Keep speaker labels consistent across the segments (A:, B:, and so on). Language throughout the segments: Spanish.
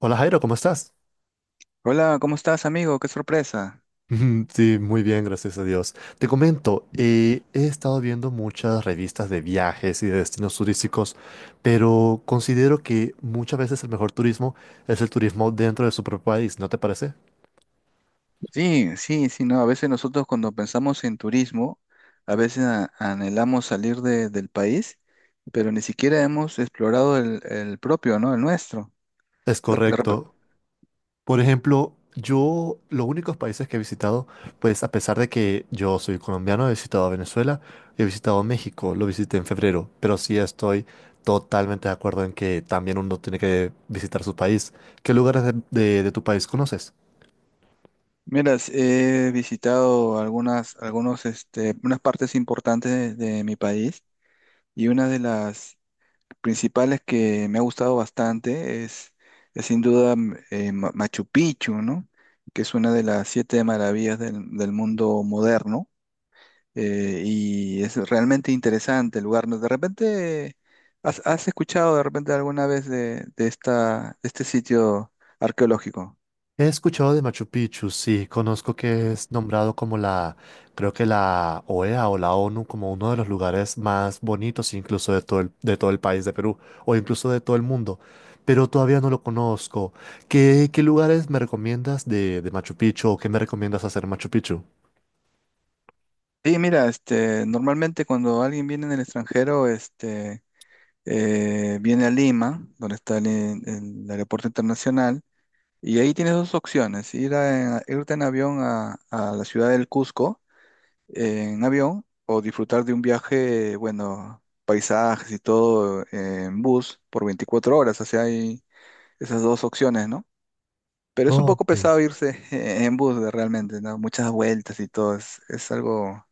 A: Hola Jairo, ¿cómo estás?
B: Hola, ¿cómo estás, amigo? Qué sorpresa.
A: Sí, muy bien, gracias a Dios. Te comento, he estado viendo muchas revistas de viajes y de destinos turísticos, pero considero que muchas veces el mejor turismo es el turismo dentro de su propio país, ¿no te parece?
B: Sí, sí, sí, no. A veces nosotros cuando pensamos en turismo, a veces anhelamos salir del país, pero ni siquiera hemos explorado el propio, ¿no? El nuestro.
A: Es
B: De- de repe-
A: correcto. Por ejemplo, yo los únicos países que he visitado, pues a pesar de que yo soy colombiano, he visitado a Venezuela, he visitado México, lo visité en febrero, pero sí estoy totalmente de acuerdo en que también uno tiene que visitar su país. ¿Qué lugares de tu país conoces?
B: Mira, he visitado algunas, algunos, unas partes importantes de mi país, y una de las principales que me ha gustado bastante es sin duda Machu Picchu, ¿no? Que es una de las siete maravillas del, del mundo moderno, y es realmente interesante el lugar, ¿no? De repente, has escuchado de repente alguna vez de esta, de este sitio arqueológico?
A: He escuchado de Machu Picchu, sí, conozco que es nombrado como la, creo que la OEA o la ONU como uno de los lugares más bonitos incluso de todo el país de Perú o incluso de todo el mundo, pero todavía no lo conozco. ¿Qué lugares me recomiendas de Machu Picchu o qué me recomiendas hacer en Machu Picchu?
B: Sí, mira, normalmente cuando alguien viene en el extranjero, viene a Lima, donde está el aeropuerto internacional. Y ahí tienes dos opciones, irte en avión a la ciudad del Cusco, en avión, o disfrutar de un viaje, bueno, paisajes y todo, en bus por 24 horas. O sea, hay esas dos opciones, ¿no? Pero es un poco
A: Ok.
B: pesado irse en bus realmente, ¿no? Muchas vueltas y todo, es algo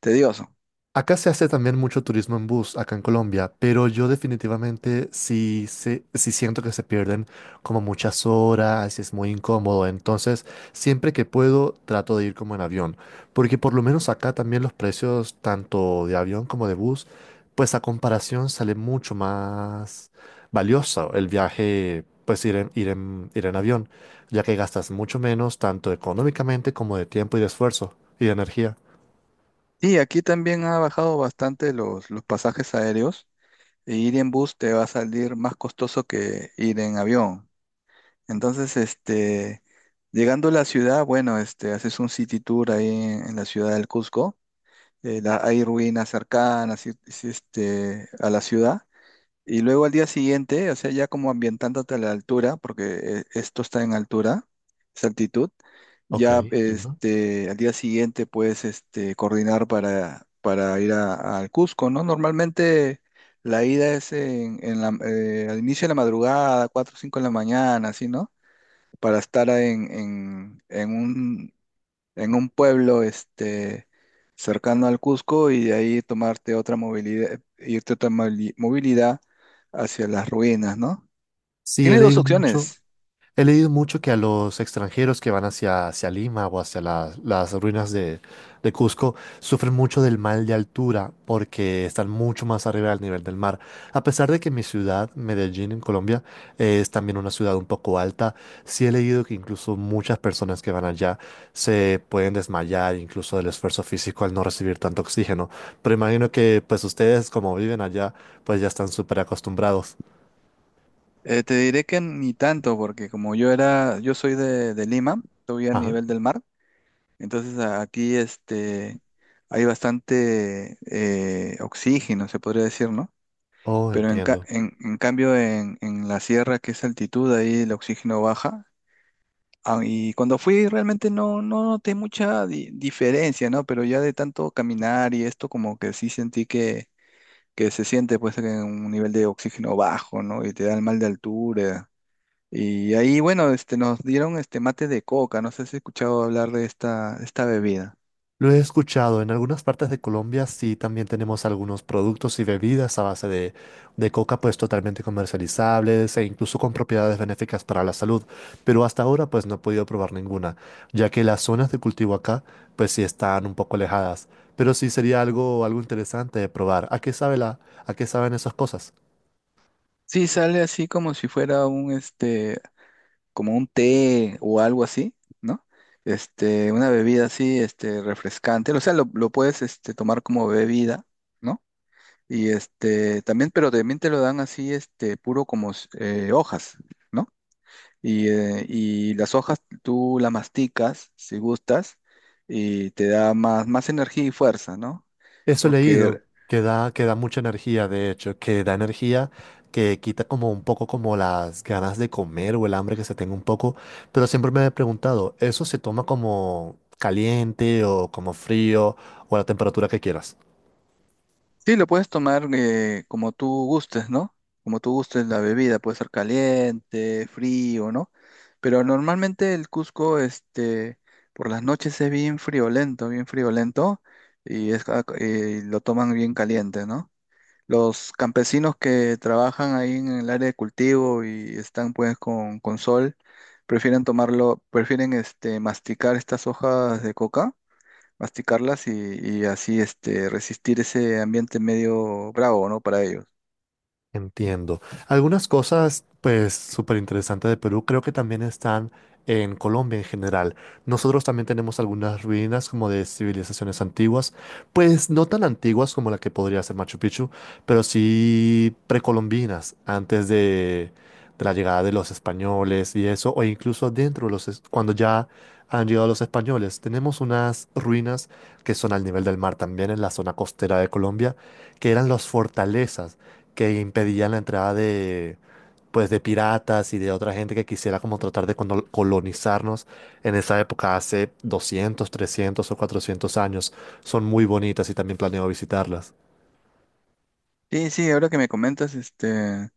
B: tedioso.
A: Acá se hace también mucho turismo en bus, acá en Colombia, pero yo definitivamente sí, sí siento que se pierden como muchas horas, es muy incómodo, entonces siempre que puedo trato de ir como en avión, porque por lo menos acá también los precios tanto de avión como de bus, pues a comparación sale mucho más valioso el viaje, pues ir en avión, ya que gastas mucho menos tanto económicamente como de tiempo y de esfuerzo y de energía.
B: Y aquí también ha bajado bastante los pasajes aéreos, e ir en bus te va a salir más costoso que ir en avión. Entonces, llegando a la ciudad, bueno, haces un city tour ahí en la ciudad del Cusco. Hay ruinas cercanas, y, este, a la ciudad. Y luego al día siguiente, o sea, ya como ambientándote a la altura, porque esto está en altura, es altitud.
A: Ok,
B: Ya,
A: entiendo.
B: al día siguiente puedes, este, coordinar para al Cusco, ¿no? Normalmente la ida es en, al inicio de la madrugada, 4 o 5 de la mañana, así, ¿no? Para estar en un pueblo, cercano al Cusco, y de ahí tomarte otra movilidad, irte otra movilidad hacia las ruinas, ¿no?
A: Sí,
B: Tiene dos opciones.
A: he leído mucho que a los extranjeros que van hacia Lima o hacia las ruinas de Cusco sufren mucho del mal de altura porque están mucho más arriba del nivel del mar. A pesar de que mi ciudad, Medellín, en Colombia, es también una ciudad un poco alta, sí he leído que incluso muchas personas que van allá se pueden desmayar incluso del esfuerzo físico al no recibir tanto oxígeno. Pero imagino que pues ustedes como viven allá, pues ya están súper acostumbrados.
B: Te diré que ni tanto, porque como yo era, yo soy de Lima, estoy a
A: Ajá.
B: nivel del mar, entonces aquí, hay bastante oxígeno, se podría decir, ¿no?
A: Oh,
B: Pero en,
A: entiendo.
B: en cambio en la sierra, que es altitud, ahí el oxígeno baja. Ah, y cuando fui realmente no, no noté mucha diferencia, ¿no? Pero ya de tanto caminar y esto, como que sí sentí que se siente pues en un nivel de oxígeno bajo, ¿no? Y te da el mal de altura. Y ahí, bueno, nos dieron este mate de coca, no sé si has escuchado hablar de esta, esta bebida.
A: Lo he escuchado, en algunas partes de Colombia sí también tenemos algunos productos y bebidas a base de coca pues totalmente comercializables e incluso con propiedades benéficas para la salud, pero hasta ahora pues no he podido probar ninguna, ya que las zonas de cultivo acá pues sí están un poco alejadas, pero sí sería algo interesante de probar. ¿A qué sabe la, a qué saben esas cosas?
B: Sí, sale así como si fuera un, como un té o algo así, ¿no? Una bebida así, refrescante. O sea, lo puedes, tomar como bebida, ¿no? Y pero también te lo dan así, puro como hojas, ¿no? Y las hojas tú las masticas, si gustas, y te da más, más energía y fuerza, ¿no?
A: Eso he
B: Porque
A: leído, que da mucha energía, de hecho, que da energía, que quita como un poco como las ganas de comer o el hambre que se tenga un poco, pero siempre me he preguntado, ¿eso se toma como caliente o como frío o a la temperatura que quieras?
B: sí, lo puedes tomar como tú gustes, ¿no? Como tú gustes la bebida, puede ser caliente, frío, ¿no? Pero normalmente el Cusco, por las noches es bien friolento, y es, lo toman bien caliente, ¿no? Los campesinos que trabajan ahí en el área de cultivo y están pues con sol, prefieren tomarlo, prefieren, masticar estas hojas de coca, masticarlas y así, resistir ese ambiente medio bravo, ¿no? Para ellos.
A: Entiendo. Algunas cosas, pues, súper interesantes de Perú, creo que también están en Colombia en general. Nosotros también tenemos algunas ruinas como de civilizaciones antiguas, pues no tan antiguas como la que podría ser Machu Picchu, pero sí precolombinas, antes de la llegada de los españoles y eso, o incluso dentro de los, cuando ya han llegado los españoles. Tenemos unas ruinas que son al nivel del mar también en la zona costera de Colombia, que eran las fortalezas que impedían la entrada de, pues, de piratas y de otra gente que quisiera como tratar de colonizarnos en esa época hace 200, 300 o 400 años. Son muy bonitas y también planeo visitarlas.
B: Sí, sí, ahora que me comentas,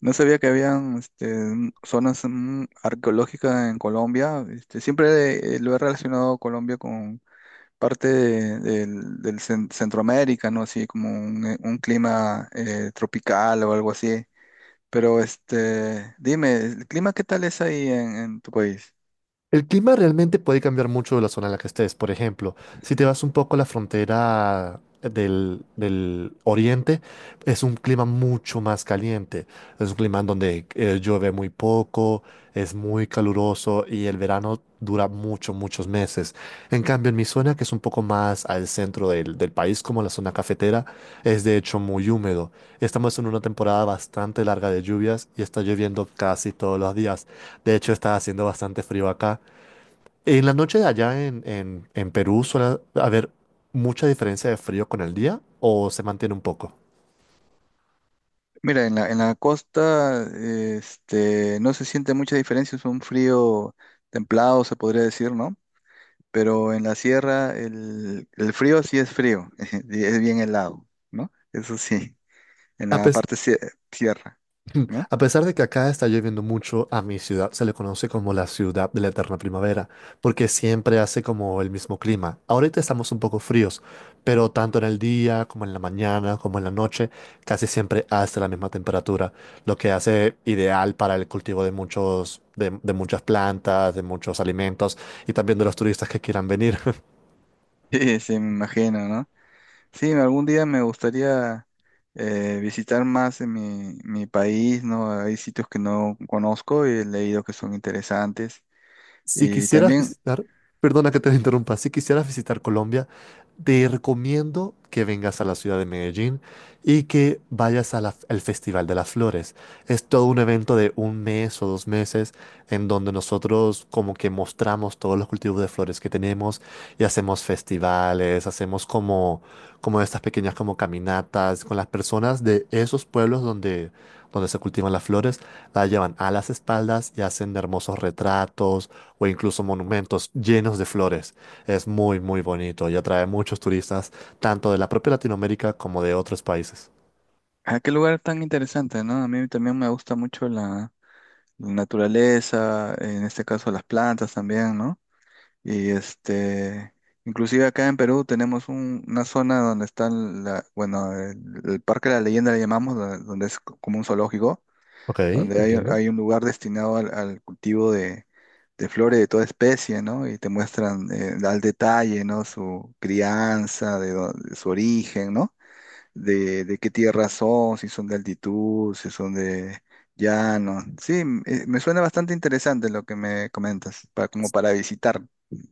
B: no sabía que habían, zonas, arqueológicas en Colombia. Este, siempre lo he relacionado Colombia con parte del Centroamérica, ¿no? Así como un clima, tropical o algo así. Pero este, dime, ¿el clima qué tal es ahí en tu país?
A: El clima realmente puede cambiar mucho de la zona en la que estés. Por ejemplo, si te vas un poco a la frontera del oriente, es un clima mucho más caliente. Es un clima en donde llueve muy poco, es muy caluroso y el verano dura mucho, muchos meses. En cambio, en mi zona, que es un poco más al centro del país, como la zona cafetera, es de hecho muy húmedo. Estamos en una temporada bastante larga de lluvias y está lloviendo casi todos los días. De hecho, está haciendo bastante frío acá. En la noche de allá en Perú suele haber mucha diferencia de frío con el día o se mantiene un poco.
B: Mira, en la costa, no se siente mucha diferencia, es un frío templado, se podría decir, ¿no? Pero en la sierra el frío sí es frío, y es bien helado, ¿no? Eso sí, en
A: A,
B: la
A: pes-
B: parte sierra, ¿no?
A: a pesar de que acá está lloviendo mucho, a mi ciudad se le conoce como la ciudad de la eterna primavera, porque siempre hace como el mismo clima. Ahorita estamos un poco fríos, pero tanto en el día como en la mañana, como en la noche, casi siempre hace la misma temperatura, lo que hace ideal para el cultivo de de muchas plantas, de muchos alimentos y también de los turistas que quieran venir.
B: Sí, sí me imagino, ¿no? Sí, algún día me gustaría visitar más en mi, mi país, ¿no? Hay sitios que no conozco y he leído que son interesantes.
A: Si
B: Y
A: quisieras
B: también,
A: visitar, perdona que te interrumpa, si quisieras visitar Colombia, te recomiendo que vengas a la ciudad de Medellín y que vayas a al Festival de las Flores. Es todo un evento de un mes o dos meses en donde nosotros como que mostramos todos los cultivos de flores que tenemos y hacemos festivales, hacemos como, como estas pequeñas como caminatas con las personas de esos pueblos donde se cultivan las flores, las llevan a las espaldas y hacen hermosos retratos o incluso monumentos llenos de flores. Es muy, muy bonito y atrae muchos turistas, tanto de la propia Latinoamérica como de otros países.
B: ¿a qué lugar tan interesante, ¿no? A mí también me gusta mucho la, la naturaleza, en este caso las plantas también, ¿no? Y este, inclusive acá en Perú tenemos una zona donde está, la, bueno, el Parque de la Leyenda le llamamos, donde donde es como un zoológico,
A: Ok,
B: donde hay,
A: entiendo.
B: hay un lugar destinado al al cultivo de flores de toda especie, ¿no? Y te muestran, al detalle, ¿no? Su crianza, de, de su origen, ¿no? De qué tierra son, si son de altitud, si son de llano. Sí, me suena bastante interesante lo que me comentas, como para visitar.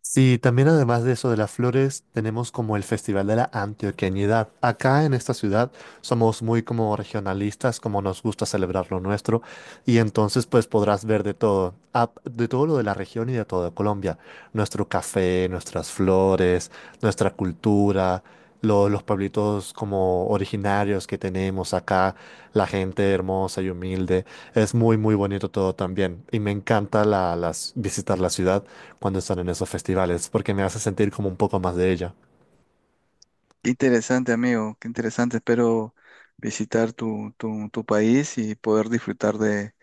A: Sí, también además de eso de las flores, tenemos como el Festival de la Antioqueñidad. Acá en esta ciudad somos muy como regionalistas, como nos gusta celebrar lo nuestro. Y entonces pues podrás ver de todo, de todo lo de la región y de toda Colombia. Nuestro café, nuestras flores, nuestra cultura, los pueblitos como originarios que tenemos acá, la gente hermosa y humilde. Es muy, muy bonito todo también. Y me encanta visitar la ciudad cuando están en esos festivales porque me hace sentir como un poco más de ella.
B: Qué interesante, amigo, qué interesante. Espero visitar tu, tu, tu país y poder disfrutar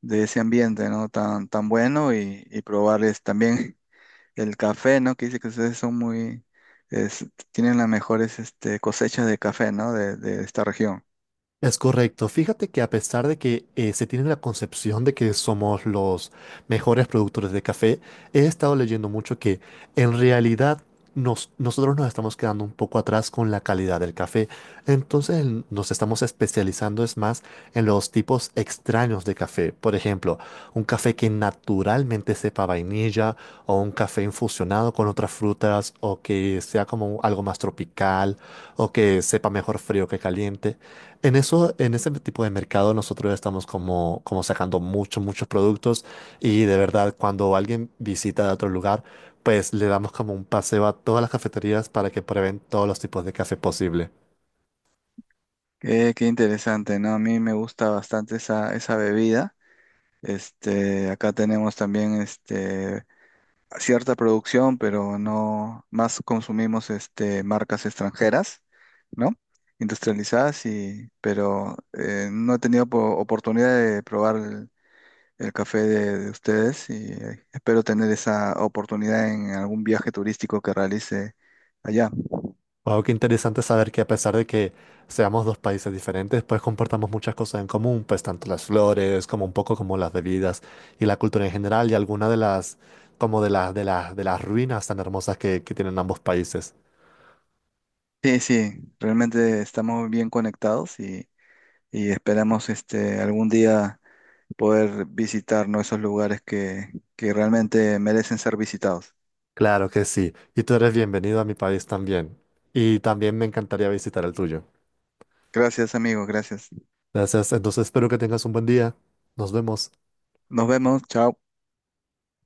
B: de ese ambiente, ¿no? Tan, tan bueno y probarles también. El café, ¿no? Que dice que ustedes son muy, es- tienen las mejores, cosechas de café, ¿no? De esta región.
A: Es correcto. Fíjate que a pesar de que se tiene la concepción de que somos los mejores productores de café, he estado leyendo mucho que en realidad nosotros nos estamos quedando un poco atrás con la calidad del café. Entonces nos estamos especializando es más en los tipos extraños de café. Por ejemplo, un café que naturalmente sepa vainilla vainilla o un café infusionado con otras frutas o que sea como algo más tropical o que sepa mejor frío que caliente. En eso, en ese tipo de mercado nosotros estamos como, como sacando muchos productos y de verdad cuando alguien visita de otro lugar, pues le damos como un paseo a todas las cafeterías para que prueben todos los tipos de café posible.
B: Qué, qué interesante, ¿no? A mí me gusta bastante esa, esa bebida. Este, acá tenemos también, cierta producción, pero no más consumimos, marcas extranjeras, ¿no? Industrializadas, y, pero no he tenido oportunidad de probar el café de ustedes, y espero tener esa oportunidad en algún viaje turístico que realice allá.
A: Wow, qué interesante saber que a pesar de que seamos dos países diferentes, pues compartamos muchas cosas en común, pues tanto las flores como un poco como las bebidas y la cultura en general y algunas de las como de las ruinas tan hermosas que tienen ambos países.
B: Sí, sí, realmente estamos bien conectados, y esperamos este algún día poder visitar, ¿no?, esos lugares que realmente merecen ser visitados.
A: Claro que sí. Y tú eres bienvenido a mi país también. Y también me encantaría visitar el tuyo.
B: Gracias, amigos, gracias.
A: Gracias. Entonces espero que tengas un buen día. Nos vemos.
B: Nos vemos, chao.